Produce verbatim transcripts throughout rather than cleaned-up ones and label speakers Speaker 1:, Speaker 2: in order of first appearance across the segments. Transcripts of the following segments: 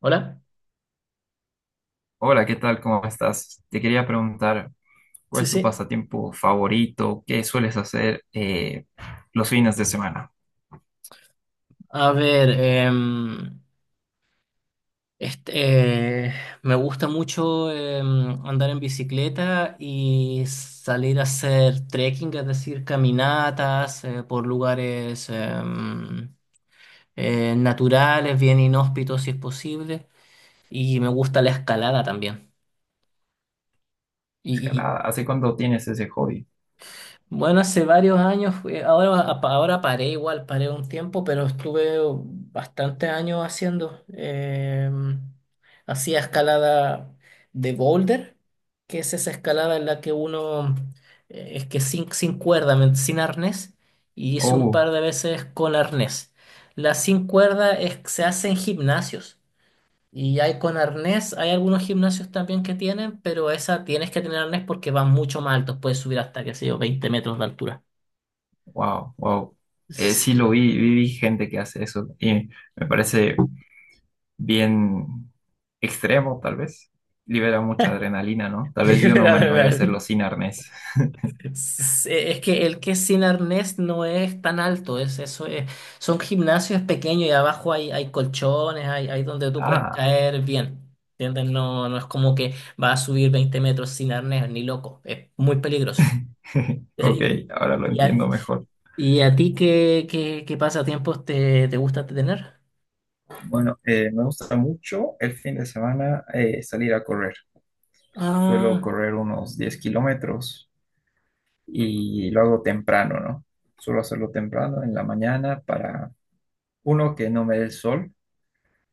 Speaker 1: Hola,
Speaker 2: Hola, ¿qué tal? ¿Cómo estás? Te quería preguntar, ¿cuál
Speaker 1: sí,
Speaker 2: es tu
Speaker 1: sí.
Speaker 2: pasatiempo favorito? ¿Qué sueles hacer eh, los fines de semana?
Speaker 1: A ver, em, este, eh, me gusta mucho em, andar en bicicleta y salir a hacer trekking, es decir, caminatas eh, por lugares em, eh, naturales, bien inhóspitos si es posible. Y me gusta la escalada también. Y,
Speaker 2: Escalada. ¿Hace cuánto tienes ese hobby?
Speaker 1: Bueno, hace varios años, fui- ahora, ahora paré igual, paré un tiempo, pero estuve bastantes años haciendo. eh, hacía escalada de boulder, que es esa escalada en la que uno, eh, es que sin, sin cuerda, men- sin arnés, y hice un
Speaker 2: Oh,
Speaker 1: par de veces con arnés. La sin cuerda es, se hace en gimnasios. Y hay con arnés, hay algunos gimnasios también que tienen, pero esa tienes que tener arnés porque van mucho más altos, puedes subir hasta, qué sé yo, veinte metros de altura.
Speaker 2: wow, wow. Eh, sí
Speaker 1: Sí.
Speaker 2: lo vi, vi, vi gente que hace eso y me parece bien extremo, tal vez. Libera mucha adrenalina, ¿no? Tal vez yo no
Speaker 1: Libera
Speaker 2: me animaría a hacerlo
Speaker 1: adrenalina.
Speaker 2: sin arnés.
Speaker 1: Sí, es que el que es sin arnés no es tan alto, es eso es, son gimnasios pequeños y abajo hay, hay colchones, hay, hay donde tú puedes
Speaker 2: Ah,
Speaker 1: caer bien. ¿Entiendes? No, no es como que va a subir veinte metros sin arnés, ni loco, es muy peligroso.
Speaker 2: ok,
Speaker 1: Y,
Speaker 2: ahora lo
Speaker 1: y-
Speaker 2: entiendo mejor.
Speaker 1: ¿Y a ti qué, qué, qué pasatiempos te, te gusta tener?
Speaker 2: Bueno, eh, me gusta mucho el fin de semana eh, salir a correr. Suelo
Speaker 1: Ah,
Speaker 2: correr unos diez kilómetros y lo hago temprano, ¿no? Suelo hacerlo temprano en la mañana para, uno, que no me dé el sol,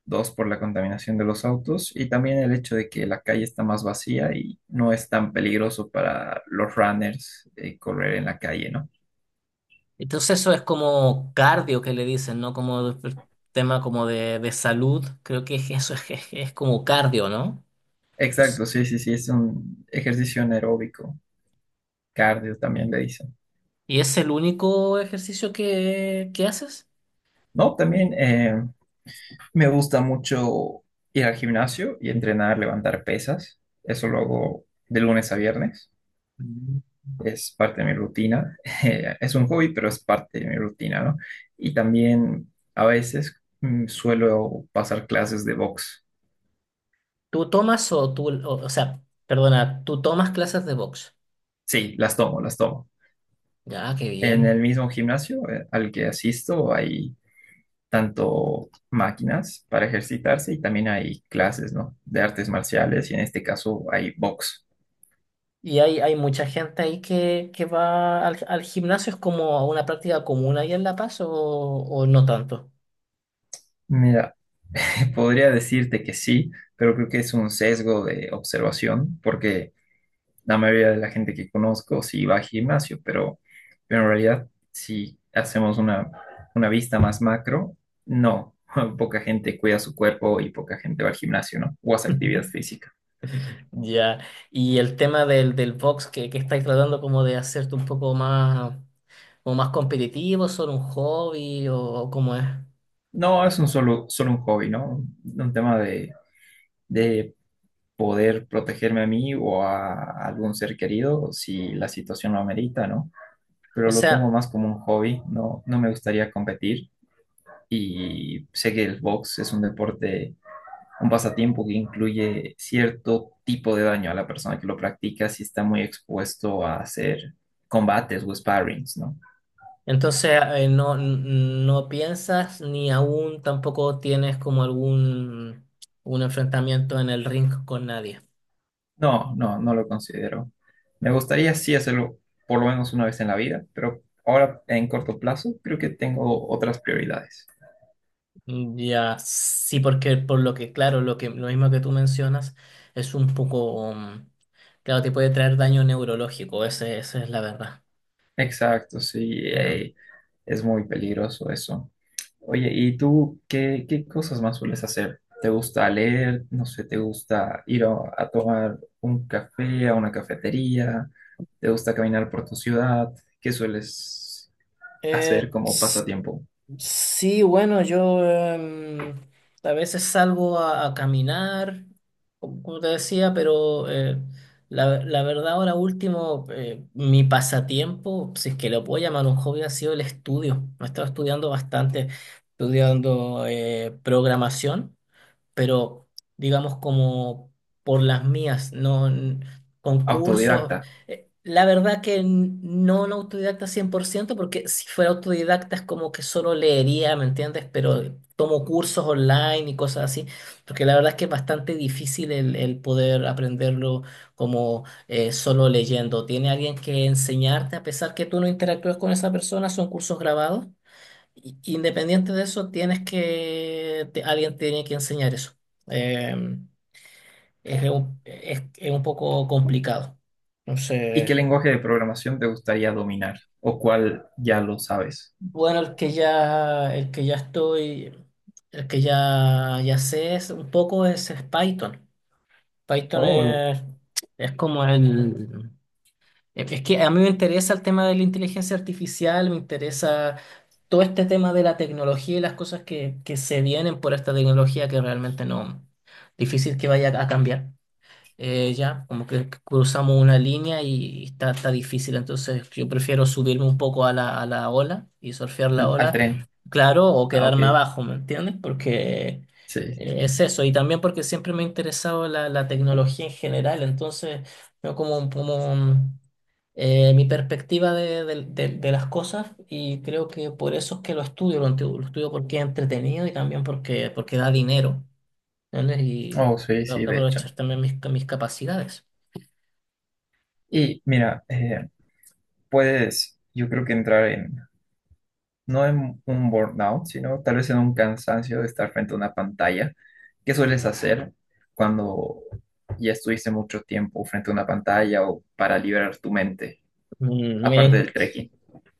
Speaker 2: dos, por la contaminación de los autos y también el hecho de que la calle está más vacía y no es tan peligroso para los runners eh, correr en la calle, ¿no?
Speaker 1: entonces eso es como cardio que le dicen, ¿no? Como de- tema como de, de salud. Creo que es- eso es, es, es como cardio, ¿no?
Speaker 2: Exacto, sí, sí, sí, es un ejercicio anaeróbico, cardio también le dicen.
Speaker 1: ¿Y es el único ejercicio que, que haces?
Speaker 2: No, también, eh, me gusta mucho ir al gimnasio y entrenar, levantar pesas. Eso lo hago de lunes a viernes.
Speaker 1: Mm.
Speaker 2: Es parte de mi rutina. Eh, es un hobby, pero es parte de mi rutina, ¿no? Y también a veces mm, suelo pasar clases de box.
Speaker 1: ¿Tú tomas o tú, o, o sea, perdona, tú tomas clases de box?
Speaker 2: Sí, las tomo, las tomo.
Speaker 1: Ya, qué
Speaker 2: En el
Speaker 1: bien.
Speaker 2: mismo gimnasio eh, al que asisto hay tanto máquinas para ejercitarse y también hay clases, ¿no? De artes marciales y en este caso hay box.
Speaker 1: Y hay, hay mucha gente ahí que, que va al, al gimnasio, ¿es como una práctica común ahí en La Paz o, o no tanto?
Speaker 2: Mira, podría decirte que sí, pero creo que es un sesgo de observación, porque la mayoría de la gente que conozco sí va al gimnasio, pero, pero en realidad si hacemos una, una vista más macro, no, poca gente cuida su cuerpo y poca gente va al gimnasio, ¿no? O hace actividad física.
Speaker 1: Ya, y el tema del, del box que, que estáis tratando como de hacerte un poco más, como más competitivo, solo un hobby o, o cómo es.
Speaker 2: No, es un solo, solo un hobby, ¿no? Un, un tema de, de poder protegerme a mí o a algún ser querido si la situación lo amerita, ¿no?
Speaker 1: O
Speaker 2: Pero lo tomo
Speaker 1: sea,
Speaker 2: más como un hobby, no, no me gustaría competir y sé que el box es un deporte, un pasatiempo que incluye cierto tipo de daño a la persona que lo practica si está muy expuesto a hacer combates o sparrings, ¿no?
Speaker 1: entonces eh, no, no piensas ni aún tampoco tienes como algún un enfrentamiento en el ring con nadie.
Speaker 2: No, no, no lo considero. Me gustaría sí hacerlo por lo menos una vez en la vida, pero ahora en corto plazo creo que tengo otras prioridades.
Speaker 1: Mm, ya, sí, porque por lo que, claro, lo que, lo mismo que tú mencionas es un poco, mm, claro, te puede traer daño neurológico, ese, esa es la verdad.
Speaker 2: Exacto, sí,
Speaker 1: Eh,
Speaker 2: eh, es muy peligroso eso. Oye, ¿y tú qué, qué cosas más sueles hacer? ¿Te gusta leer? No sé, ¿te gusta ir a, a tomar un café a una cafetería? ¿Te gusta caminar por tu ciudad? ¿Qué sueles
Speaker 1: Eh,
Speaker 2: hacer como
Speaker 1: s-
Speaker 2: pasatiempo
Speaker 1: sí, bueno, yo em, a veces salgo a, a caminar, como como te decía, pero eh, la, la verdad ahora último, eh, mi pasatiempo, si es que lo puedo llamar un hobby, ha sido el estudio. Me he estado estudiando bastante, estudiando eh, programación, pero digamos como por las mías, no n- concursos.
Speaker 2: autodidacta?
Speaker 1: Eh, La verdad que n- no un autodidacta cien por ciento, porque si fuera autodidacta es como que solo leería, ¿me entiendes? Pero tomo cursos online y cosas así, porque la verdad es que es bastante difícil el, el poder aprenderlo como eh, solo leyendo. Tiene alguien que enseñarte, a pesar que tú no interactúas con esa persona, son cursos grabados. i- Independiente de eso, tienes que, te- alguien tiene que enseñar eso. Eh, es, un, es, es un poco complicado.
Speaker 2: ¿Y qué
Speaker 1: Entonces,
Speaker 2: lenguaje de programación te gustaría dominar? ¿O cuál ya lo sabes?
Speaker 1: bueno, el que ya, el que ya estoy, el que ya, ya sé, es un poco es, es Python. Python
Speaker 2: Oh,
Speaker 1: es, es como el, Es es que a mí me interesa el tema de la inteligencia artificial, me interesa todo este tema de la tecnología y las cosas que, que se vienen por esta tecnología, que realmente no, difícil que vaya a cambiar. Eh, ya, como que cruzamos una línea y está, está difícil, entonces yo prefiero subirme un poco a la, a la ola y surfear la
Speaker 2: al
Speaker 1: ola,
Speaker 2: tren.
Speaker 1: claro, o
Speaker 2: Ah, ok.
Speaker 1: quedarme abajo, ¿me entiendes? Porque
Speaker 2: Sí,
Speaker 1: eh,
Speaker 2: sí.
Speaker 1: es eso, y también porque siempre me ha interesado la, la tecnología en general, entonces, no como, como eh, mi perspectiva de, de- de- de las cosas, y creo que por eso es que lo estudio, lo, enti- lo estudio porque es entretenido y también porque, porque da dinero, ¿entiendes? Y
Speaker 2: Oh, sí,
Speaker 1: tengo
Speaker 2: sí,
Speaker 1: que
Speaker 2: de hecho.
Speaker 1: aprovechar también mis, mis capacidades.
Speaker 2: Y mira, eh, puedes, yo creo que entrar en, no en un burnout, sino tal vez en un cansancio de estar frente a una pantalla. ¿Qué sueles hacer cuando ya estuviste mucho tiempo frente a una pantalla o para liberar tu mente,
Speaker 1: Mm,
Speaker 2: aparte
Speaker 1: mira,
Speaker 2: del trekking?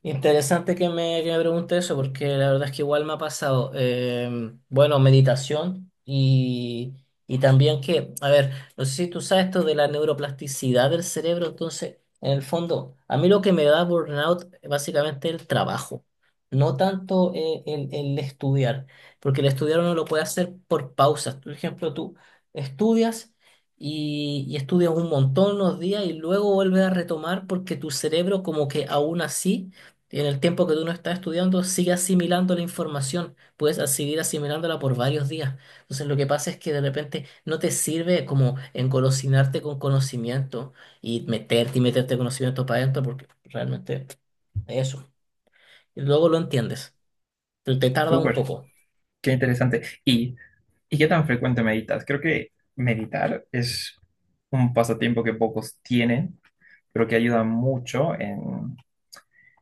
Speaker 1: interesante que me, que me pregunte eso, porque la verdad es que igual me ha pasado, eh, bueno, meditación y, y también que, a ver, no sé si tú sabes esto de la neuroplasticidad del cerebro, entonces, en el fondo, a mí lo que me da burnout eh, básicamente el trabajo, no tanto eh, el, el estudiar, porque el estudiar uno lo puede hacer por pausas. Por ejemplo, tú estudias y, y estudias un montón unos días y luego vuelves a retomar porque tu cerebro como que aún así, y en el tiempo que tú no estás estudiando, sigue asimilando la información, puedes a- seguir asimilándola por varios días. Entonces, lo que pasa es que de repente no te sirve como engolosinarte con conocimiento y meterte y meterte conocimiento para adentro, porque realmente eso. Y luego lo entiendes, pero te tarda un
Speaker 2: Súper,
Speaker 1: poco.
Speaker 2: qué interesante. ¿Y, y qué tan frecuente meditas? Creo que meditar es un pasatiempo que pocos tienen, pero que ayuda mucho en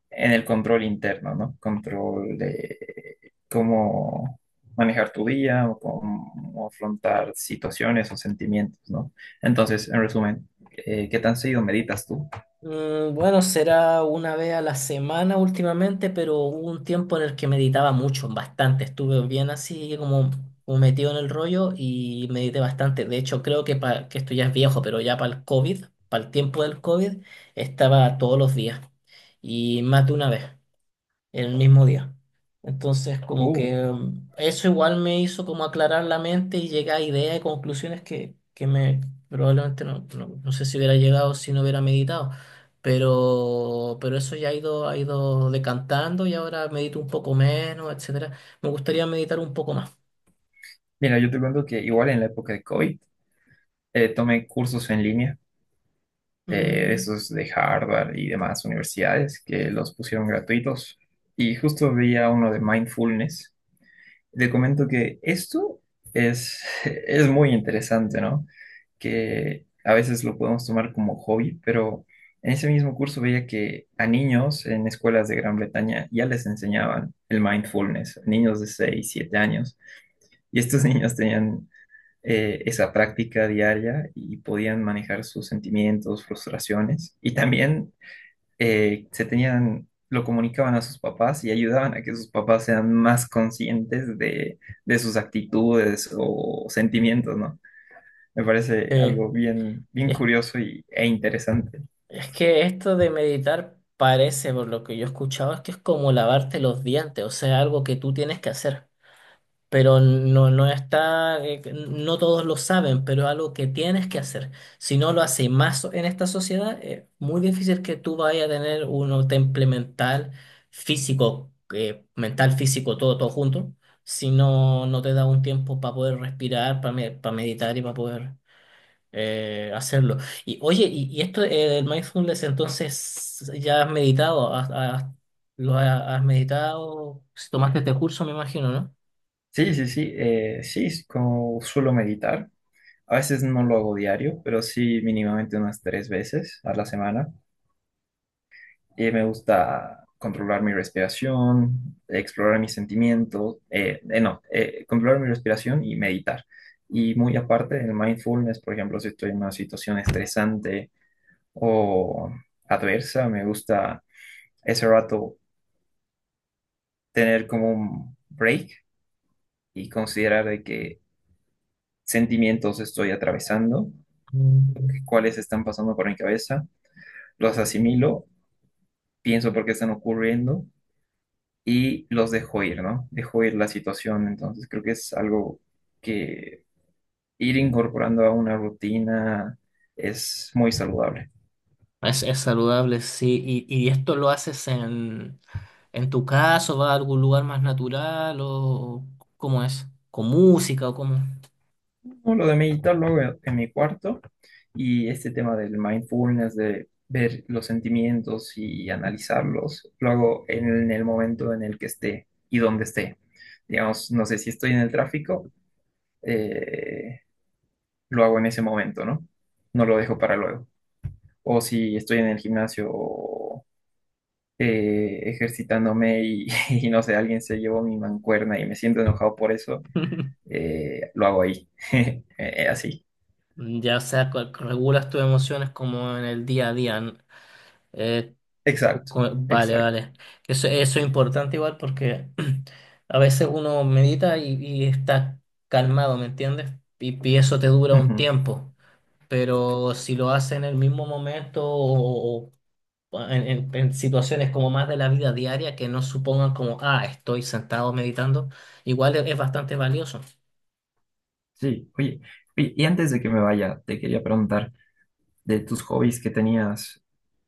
Speaker 2: en el control interno, ¿no? Control de cómo manejar tu día o cómo afrontar situaciones o sentimientos, ¿no? Entonces, en resumen, eh, ¿qué tan seguido meditas tú?
Speaker 1: Mm, bueno, será una vez a la semana últimamente, pero hubo un tiempo en el que meditaba mucho, bastante. Estuve bien así como, como metido en el rollo y medité bastante. De hecho, creo que, pa- que esto ya es viejo, pero ya para el COVID, para el tiempo del COVID, estaba todos los días y más de una vez en el mismo día. Entonces, como
Speaker 2: Uh,
Speaker 1: que mm, eso igual me hizo como aclarar la mente y llegar a ideas y conclusiones que, que me probablemente no, no, no sé si hubiera llegado si no hubiera meditado. Pero, pero eso ya ha ido, ha ido decantando y ahora medito un poco menos, etcétera. Me gustaría meditar un poco más.
Speaker 2: mira, yo te cuento que igual en la época de COVID eh, tomé cursos en línea, eh,
Speaker 1: Mm,
Speaker 2: esos de Harvard y demás universidades que los pusieron gratuitos y justo veía uno de mindfulness. Te comento que esto es, es muy interesante, ¿no? Que a veces lo podemos tomar como hobby, pero en ese mismo curso veía que a niños en escuelas de Gran Bretaña ya les enseñaban el mindfulness, niños de seis siete años, y estos niños tenían eh, esa práctica diaria y podían manejar sus sentimientos, frustraciones, y también eh, se tenían, lo comunicaban a sus papás y ayudaban a que sus papás sean más conscientes de, de sus actitudes o sentimientos, ¿no? Me parece
Speaker 1: Eh,
Speaker 2: algo bien, bien
Speaker 1: es,
Speaker 2: curioso y, e interesante.
Speaker 1: es que esto de meditar parece, por lo que yo he escuchado, es que es como lavarte los dientes, o sea, algo que tú tienes que hacer. Pero no, no está, eh, no todos lo saben, pero es algo que tienes que hacer. Si no lo haces más en esta sociedad, es muy difícil que tú vayas a tener un temple mental, físico, eh, mental, físico, todo, todo junto, si no, no te da un tiempo para poder respirar, para meditar y para poder eh, hacerlo. Y oye, y, y esto eh, el mindfulness, entonces, ¿ya has meditado? ¿Has, has- ¿lo has, has meditado? Si tomaste este curso, me imagino, ¿no?
Speaker 2: Sí, sí, sí, eh, sí, es como suelo meditar. A veces no lo hago diario, pero sí mínimamente unas tres veces a la semana. Y me gusta controlar mi respiración, explorar mis sentimientos, eh, eh, no, eh, controlar mi respiración y meditar. Y muy aparte del mindfulness, por ejemplo, si estoy en una situación estresante o adversa, me gusta ese rato tener como un break y considerar de qué sentimientos estoy atravesando,
Speaker 1: Mm.
Speaker 2: cuáles están pasando por mi cabeza, los asimilo, pienso por qué están ocurriendo y los dejo ir, ¿no? Dejo ir la situación, entonces creo que es algo que ir incorporando a una rutina es muy saludable.
Speaker 1: Es, es saludable, sí. ¿Y, y esto lo haces en, en tu caso? ¿Vas a algún lugar más natural? ¿O cómo es? ¿Con música o cómo?
Speaker 2: No, lo de meditar lo hago en en mi cuarto y este tema del mindfulness, de ver los sentimientos y analizarlos, lo hago en el momento en el que esté y donde esté. Digamos, no sé si estoy en el tráfico, eh, lo hago en ese momento, ¿no? No lo dejo para luego. O si estoy en el gimnasio eh, ejercitándome y, y no sé, alguien se llevó mi mancuerna y me siento enojado por eso, eh, lo hago ahí. Eh, Así.
Speaker 1: Ya, o sea, cu- cu- regulas tus emociones como en el día a día. n- eh, cu-
Speaker 2: Exacto,
Speaker 1: cu- vale,
Speaker 2: exacto.
Speaker 1: vale. Eso, eso es importante igual porque a veces uno medita y, y está calmado, ¿me entiendes? Y, y eso te dura un
Speaker 2: Ujú,
Speaker 1: tiempo. Pero si lo haces en el mismo momento o, en, en- en situaciones como más de la vida diaria que no supongan como, ah, estoy sentado meditando, igual es, es bastante valioso.
Speaker 2: sí, oye, y y antes de que me vaya, te quería preguntar de tus hobbies que tenías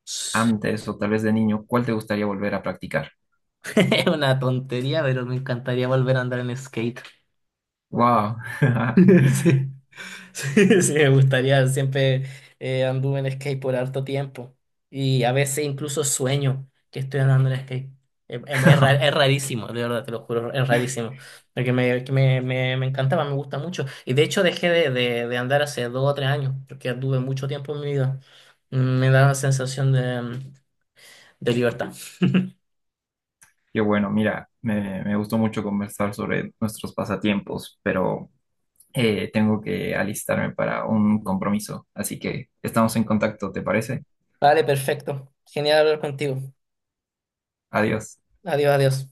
Speaker 2: antes o tal vez de niño, ¿cuál te gustaría volver a practicar?
Speaker 1: Es una tontería, pero me encantaría volver a andar en skate.
Speaker 2: ¡Wow!
Speaker 1: Sí. Sí, sí, me gustaría. Siempre eh, anduve en skate por harto tiempo. Y a veces incluso sueño que estoy andando en skate. Es, es es ra- es rarísimo, de verdad, te lo juro, es rarísimo. Porque me, que me, me, me encantaba, me gusta mucho. Y de hecho dejé de, de, de andar hace dos o tres años, porque anduve mucho tiempo en mi vida. Mm, me da una sensación de, mm, de libertad.
Speaker 2: Qué bueno, mira, me, me gustó mucho conversar sobre nuestros pasatiempos, pero eh, tengo que alistarme para un compromiso, así que estamos en contacto, ¿te parece?
Speaker 1: Vale, perfecto. Genial hablar contigo.
Speaker 2: Adiós.
Speaker 1: Adiós, adiós.